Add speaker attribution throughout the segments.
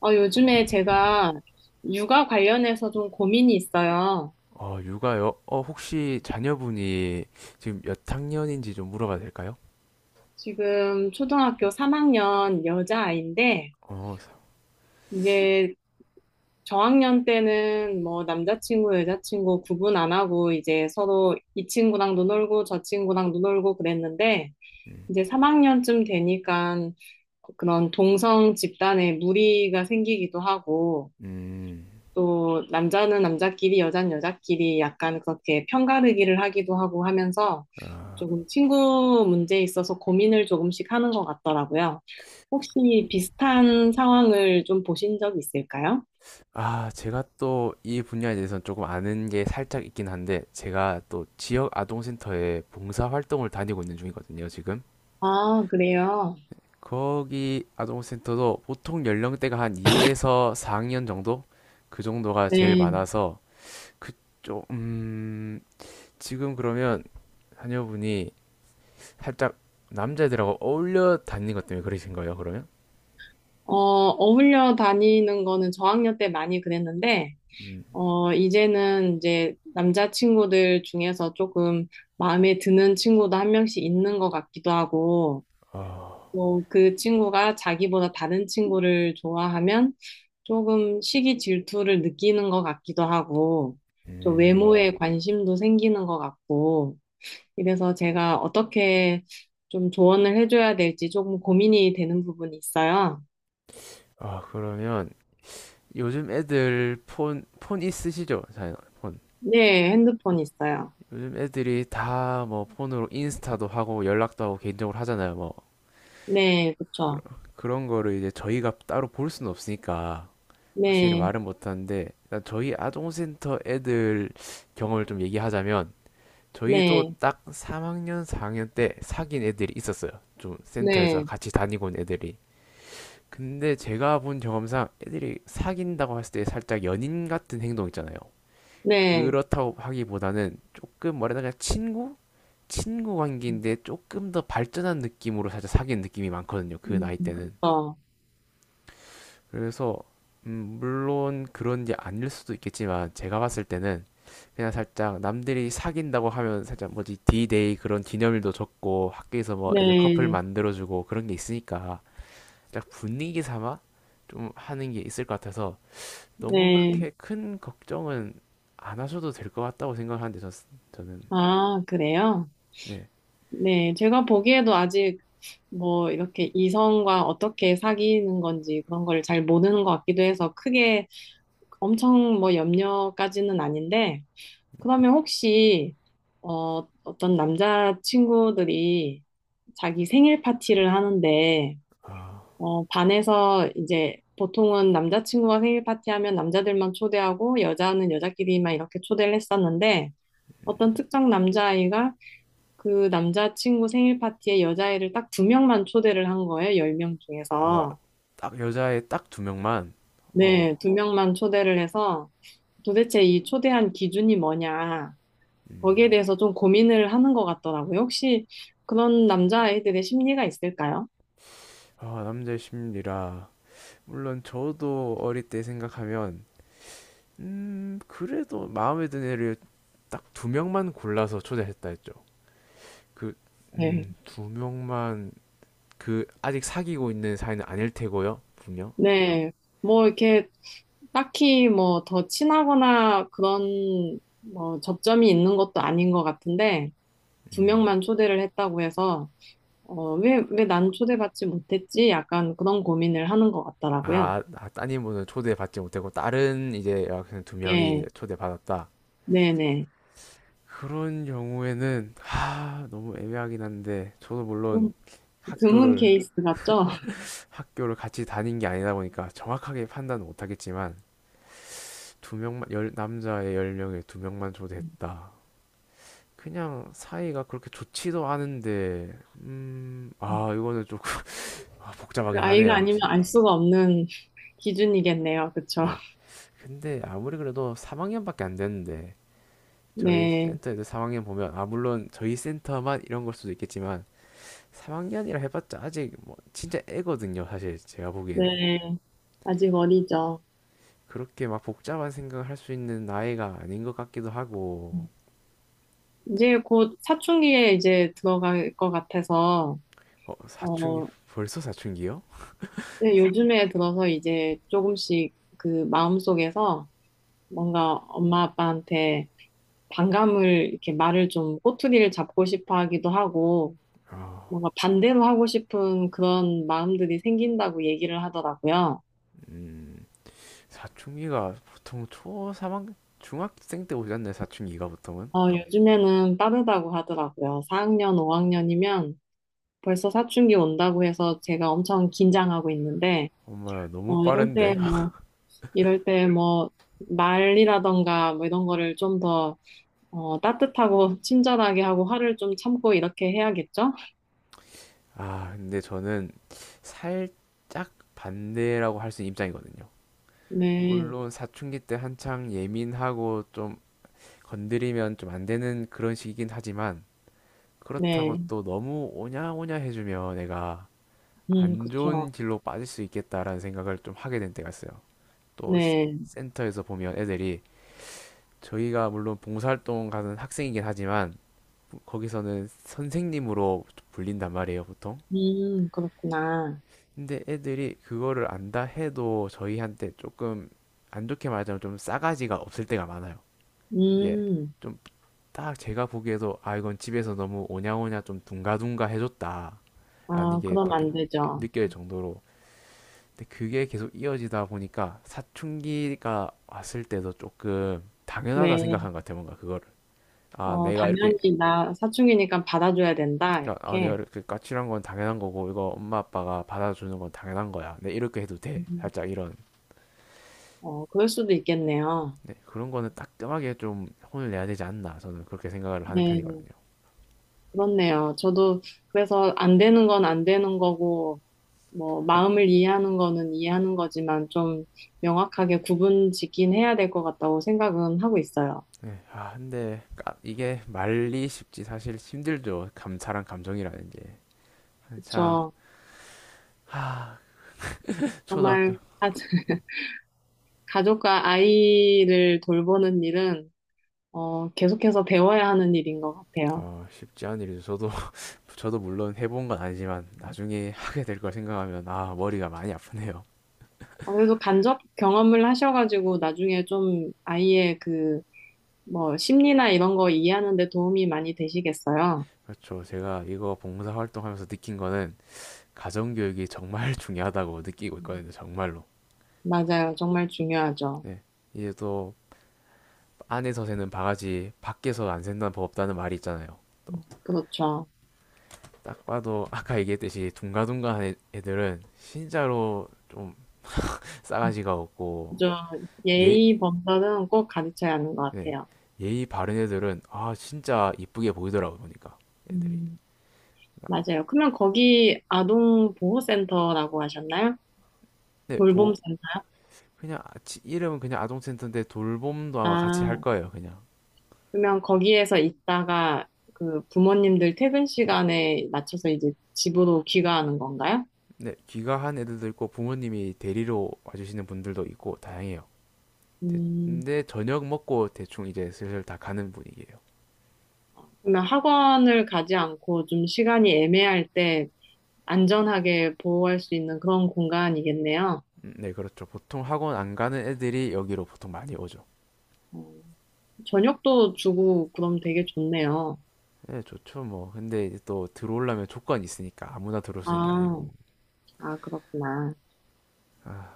Speaker 1: 요즘에 제가 육아 관련해서 좀 고민이 있어요.
Speaker 2: 어, 육아요? 어, 혹시 자녀분이 지금 몇 학년인지 좀 물어봐도 될까요?
Speaker 1: 지금 초등학교 3학년 여자아이인데,
Speaker 2: 어, 사-
Speaker 1: 이제 저학년 때는 뭐 남자친구, 여자친구 구분 안 하고 이제 서로 이 친구랑도 놀고 저 친구랑도 놀고 그랬는데,
Speaker 2: 음,
Speaker 1: 이제 3학년쯤 되니까 그런 동성 집단에 무리가 생기기도 하고,
Speaker 2: 음,
Speaker 1: 또 남자는 남자끼리, 여자는 여자끼리 약간 그렇게 편가르기를 하기도 하고 하면서
Speaker 2: 아,
Speaker 1: 조금 친구 문제에 있어서 고민을 조금씩 하는 것 같더라고요. 혹시 비슷한 상황을 좀 보신 적 있을까요?
Speaker 2: 아, 제가 또 이 분야에 대해서는 조금 아는 게 살짝 있긴 한데, 제가 또 지역 아동센터에 봉사활동을 다니고 있는 중이거든요, 지금.
Speaker 1: 아, 그래요.
Speaker 2: 거기 아동센터도 보통 연령대가 한 2에서 4학년 정도? 그 정도가 제일
Speaker 1: 네.
Speaker 2: 많아서, 그쪽, 지금 그러면 자녀분이 살짝 남자애들하고 어울려 다니는 것 때문에 그러신 거예요, 그러면?
Speaker 1: 어울려 다니는 거는 저학년 때 많이 그랬는데,
Speaker 2: 음.
Speaker 1: 이제는 이제 남자친구들 중에서 조금 마음에 드는 친구도 한 명씩 있는 것 같기도 하고,
Speaker 2: 아,
Speaker 1: 뭐, 그 친구가 자기보다 다른 친구를 좋아하면 조금 시기 질투를 느끼는 것 같기도 하고, 또
Speaker 2: 음.
Speaker 1: 외모에 관심도 생기는 것 같고, 이래서 제가 어떻게 좀 조언을 해줘야 될지 조금 고민이 되는 부분이 있어요.
Speaker 2: 아, 그러면 요즘 애들 폰 있으시죠? 자, 폰.
Speaker 1: 네, 핸드폰 있어요.
Speaker 2: 요즘 애들이 다 뭐 폰으로 인스타도 하고 연락도 하고 개인적으로 하잖아요, 뭐.
Speaker 1: 네,
Speaker 2: 그런,
Speaker 1: 그쵸.
Speaker 2: 그런 거를 이제 저희가 따로 볼 수는 없으니까 확실히
Speaker 1: 네,
Speaker 2: 말은 못하는데 일단 저희 아동센터 애들 경험을 좀 얘기하자면 저희도
Speaker 1: 네,
Speaker 2: 딱 3학년, 4학년 때 사귄 애들이 있었어요. 좀 센터에서
Speaker 1: 네,
Speaker 2: 같이 다니고 온 애들이. 근데 제가 본 경험상 애들이 사귄다고 했을 때 살짝 연인 같은 행동 있잖아요.
Speaker 1: 네.
Speaker 2: 그렇다고 하기보다는 조금 뭐라 해야 되나 친구? 친구 관계인데 조금 더 발전한 느낌으로 살짝 사귄 느낌이 많거든요. 그 나이 때는.
Speaker 1: 그쵸.
Speaker 2: 그래서 물론 그런 게 아닐 수도 있겠지만 제가 봤을 때는 그냥 살짝 남들이 사귄다고 하면 살짝 뭐지 D-Day 그런 기념일도 적고 학교에서 뭐 애들 커플
Speaker 1: 네,
Speaker 2: 만들어주고 그런 게 있으니까 살짝 분위기 삼아 좀 하는 게 있을 것 같아서 너무
Speaker 1: 네.
Speaker 2: 그렇게 큰 걱정은 안 하셔도 될 것 같다고 생각하는데 저는
Speaker 1: 아, 그래요?
Speaker 2: 네.
Speaker 1: 네, 제가 보기에도 아직 뭐 이렇게 이성과 어떻게 사귀는 건지 그런 걸 잘 모르는 것 같기도 해서 크게 엄청 뭐 염려까지는 아닌데, 그러면 혹시, 어떤 남자친구들이 자기 생일 파티를 하는데,
Speaker 2: 아,
Speaker 1: 반에서 이제 보통은 남자친구가 생일 파티하면 남자들만 초대하고 여자는 여자끼리만 이렇게 초대를 했었는데, 어떤 특정 남자아이가 그 남자친구 생일 파티에 여자애를 딱 두 명만 초대를 한 거예요. 열 명
Speaker 2: 아,
Speaker 1: 중에서.
Speaker 2: 딱 여자애 딱 두 명만 어,
Speaker 1: 네, 두 명만 초대를 해서 도대체 이 초대한 기준이 뭐냐.
Speaker 2: 음,
Speaker 1: 거기에 대해서 좀 고민을 하는 것 같더라고요. 혹시 그런 남자아이들의 심리가 있을까요?
Speaker 2: 아, 남자의 심리라 물론 저도 어릴 때 생각하면 그래도 마음에 드는 애를 딱 두 명만 골라서 초대했다 했죠. 그
Speaker 1: 네.
Speaker 2: 두 명만 그 아직 사귀고 있는 사이는 아닐 테고요. 분명.
Speaker 1: 네. 뭐 이렇게 딱히 뭐 더 친하거나 그런 뭐 접점이 있는 것도 아닌 것 같은데 두
Speaker 2: 음.
Speaker 1: 명만 초대를 했다고 해서 왜 난 초대받지 못했지? 약간 그런 고민을 하는 것 같더라고요.
Speaker 2: 아, 아 따님분은 초대받지 못했고 다른 이제 여학생 두 명이
Speaker 1: 예,
Speaker 2: 초대받았다.
Speaker 1: 네네.
Speaker 2: 그런 경우에는 하 너무 애매하긴 한데 저도
Speaker 1: 좀
Speaker 2: 물론
Speaker 1: 드문
Speaker 2: 학교를
Speaker 1: 케이스 같죠?
Speaker 2: 학교를 같이 다닌 게 아니다 보니까 정확하게 판단은 못하겠지만 두 명만 열 남자의 열 명에 두 명만 초대했다. 그냥 사이가 그렇게 좋지도 않은데 아 이거는 조금 아,
Speaker 1: 그
Speaker 2: 복잡하긴
Speaker 1: 아이가
Speaker 2: 하네요
Speaker 1: 아니면
Speaker 2: 확실히.
Speaker 1: 알 수가 없는 기준이겠네요. 그쵸?
Speaker 2: 네. 근데 아무리 그래도 3학년밖에 안 됐는데 저희
Speaker 1: 네,
Speaker 2: 센터 애들 3학년 보면 아 물론 저희 센터만 이런 걸 수도 있겠지만 3학년이라 해봤자 아직 뭐 진짜 애거든요 사실 제가 보기에는
Speaker 1: 네. 아직 어리죠.
Speaker 2: 그렇게 막 복잡한 생각을 할 수 있는 나이가 아닌 것 같기도 하고
Speaker 1: 이제 곧 사춘기에 이제 들어갈 것 같아서,
Speaker 2: 어 사춘기
Speaker 1: 어,
Speaker 2: 벌써 사춘기요?
Speaker 1: 네, 요즘에 들어서 이제 조금씩 그 마음속에서 뭔가 엄마 아빠한테 반감을 이렇게 말을 좀 꼬투리를 잡고 싶어 하기도 하고
Speaker 2: 아,
Speaker 1: 뭔가 반대로 하고 싶은 그런 마음들이 생긴다고 얘기를 하더라고요.
Speaker 2: 음 사춘기가 보통 초삼학 중학생 때 오지 않나요? 사춘기가 보통은?
Speaker 1: 요즘에는 빠르다고 하더라고요. 4학년, 5학년이면 벌써 사춘기 온다고 해서 제가 엄청 긴장하고 있는데
Speaker 2: 엄마야 너무
Speaker 1: 어, 이럴 때
Speaker 2: 빠른데?
Speaker 1: 뭐, 이럴 때 뭐, 말이라던가 뭐 이런 거를 좀 더, 따뜻하고 친절하게 하고 화를 좀 참고 이렇게 해야겠죠?
Speaker 2: 아 근데 저는 살짝 반대라고 할 수 있는 입장이거든요.
Speaker 1: 네,
Speaker 2: 물론 사춘기 때 한창 예민하고 좀 건드리면 좀 안 되는 그런 시기긴 하지만 그렇다고
Speaker 1: 네,
Speaker 2: 또 너무 오냐오냐 해주면 내가 안
Speaker 1: 그쵸.
Speaker 2: 좋은 길로 빠질 수 있겠다라는 생각을 좀 하게 된 때가 있어요. 또
Speaker 1: 네.
Speaker 2: 센터에서 보면 애들이 저희가 물론 봉사활동 가는 학생이긴 하지만 거기서는 선생님으로 불린단 말이에요, 보통.
Speaker 1: 그렇구나.
Speaker 2: 근데 애들이 그거를 안다 해도 저희한테 조금 안 좋게 말하자면 좀 싸가지가 없을 때가 많아요. 이게
Speaker 1: 음,
Speaker 2: 좀 딱 제가 보기에도 아 이건 집에서 너무 오냐오냐 좀 둥가둥가 해줬다라는
Speaker 1: 아,
Speaker 2: 게
Speaker 1: 그럼
Speaker 2: 밖에
Speaker 1: 안 되죠.
Speaker 2: 느껴질 정도로 근데 그게 계속 이어지다 보니까 사춘기가 왔을 때도 조금 당연하다
Speaker 1: 네,
Speaker 2: 생각한 것 같아요, 뭔가 그거를. 아, 내가 이렇게
Speaker 1: 당연히 나 사춘기니까 받아줘야 된다,
Speaker 2: 그러니까 아 내가
Speaker 1: 이렇게.
Speaker 2: 이렇게 까칠한 건 당연한 거고 이거 엄마 아빠가 받아주는 건 당연한 거야. 내 이렇게 해도 돼.
Speaker 1: 음,
Speaker 2: 살짝 이런
Speaker 1: 그럴 수도 있겠네요.
Speaker 2: 네, 그런 거는 따끔하게 좀 혼을 내야 되지 않나 저는 그렇게 생각을 하는
Speaker 1: 네,
Speaker 2: 편이거든요.
Speaker 1: 그렇네요. 저도 그래서 안 되는 건 안 되는 거고, 뭐, 마음을 이해하는 거는 이해하는 거지만 좀 명확하게 구분 짓긴 해야 될 것 같다고 생각은 하고 있어요.
Speaker 2: 네, 아 근데 이게 말리 쉽지 사실 힘들죠. 감사한 감정이라는 게 한창
Speaker 1: 그쵸.
Speaker 2: 하
Speaker 1: 정말
Speaker 2: 초등학교
Speaker 1: 가- 가족과 아이를 돌보는 일은 계속해서 배워야 하는 일인 것 같아요.
Speaker 2: 어 쉽지 않은 일이죠. 저도 저도 물론 해본 건 아니지만 나중에 하게 될 걸 생각하면 아 머리가 많이 아프네요.
Speaker 1: 그래도 간접 경험을 하셔가지고 나중에 좀 아이의 그, 뭐, 심리나 이런 거 이해하는 데 도움이 많이 되시겠어요.
Speaker 2: 그렇죠. 제가 이거 봉사활동하면서 느낀 거는 가정교육이 정말 중요하다고 느끼고 있거든요.
Speaker 1: 음,
Speaker 2: 정말로.
Speaker 1: 맞아요. 정말 중요하죠.
Speaker 2: 네. 이제 또 안에서 새는 바가지 밖에서 안 샌다는 법 없다는 말이 있잖아요. 또
Speaker 1: 그렇죠.
Speaker 2: 딱 봐도 아까 얘기했듯이 둥가둥가한 애- 들은 진짜로 좀 싸가지가 없고
Speaker 1: 저
Speaker 2: 예,
Speaker 1: 예의 범절은 꼭 가르쳐야 하는 것
Speaker 2: 네.
Speaker 1: 같아요.
Speaker 2: 예의 바른 애들은 아 진짜 이쁘게 보이더라고 보니까 애들이.
Speaker 1: 음,
Speaker 2: 아,
Speaker 1: 맞아요. 그러면 거기 아동보호센터라고 하셨나요?
Speaker 2: 네, 보
Speaker 1: 돌봄센터요?
Speaker 2: 그냥 이름은 그냥 아동센터인데 돌봄도 아마 같이 할
Speaker 1: 아,
Speaker 2: 거예요. 그냥.
Speaker 1: 그러면 거기에서 있다가 그 부모님들 퇴근 시간에 맞춰서 이제 집으로 귀가하는 건가요?
Speaker 2: 네, 귀가한 애들도 있고 부모님이 데리러 와주시는 분들도 있고 다양해요.
Speaker 1: 음,
Speaker 2: 근데 저녁 먹고 대충 이제 슬슬 다 가는 분위기예요.
Speaker 1: 그러면 학원을 가지 않고 좀 시간이 애매할 때 안전하게 보호할 수 있는 그런 공간이겠네요.
Speaker 2: 네, 그렇죠. 보통 학원 안 가는 애들이 여기로 보통 많이 오죠.
Speaker 1: 어, 저녁도 주고 그럼 되게 좋네요.
Speaker 2: 네, 좋죠, 뭐. 근데 이제 또 들어오려면 조건이 있으니까 아무나 들어올 수 있는 게 아니고.
Speaker 1: 아, 아, 그렇구나.
Speaker 2: 아,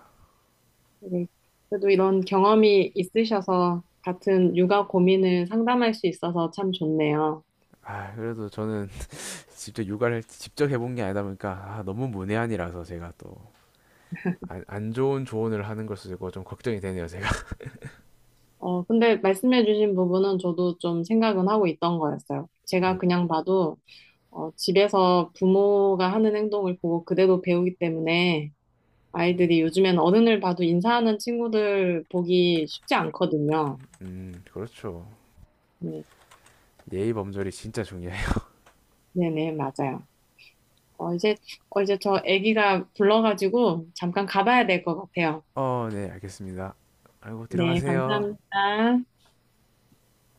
Speaker 1: 되게 그래도 이런 경험이 있으셔서 같은 육아 고민을 상담할 수 있어서 참 좋네요.
Speaker 2: 아, 그래도 저는 직접 육아를 직접 해본 게 아니다 보니까 아, 너무 문외한이라서 제가 또 안 좋은 조언을 하는 것을 듣고 좀 걱정이 되네요, 제가.
Speaker 1: 근데 말씀해주신 부분은 저도 좀 생각은 하고 있던 거였어요.
Speaker 2: 음,
Speaker 1: 제가 그냥 봐도 집에서 부모가 하는 행동을 보고 그대로 배우기 때문에 아이들이 요즘엔 어른을 봐도 인사하는 친구들 보기 쉽지 않거든요.
Speaker 2: 그렇죠.
Speaker 1: 네,
Speaker 2: 예의 범절이 진짜 중요해요.
Speaker 1: 네네, 맞아요. 어, 이제, 이제 저 아기가 불러가지고 잠깐 가봐야 될 것 같아요.
Speaker 2: 어, 네, 알겠습니다. 아이고,
Speaker 1: 네,
Speaker 2: 들어가세요.
Speaker 1: 감사합니다.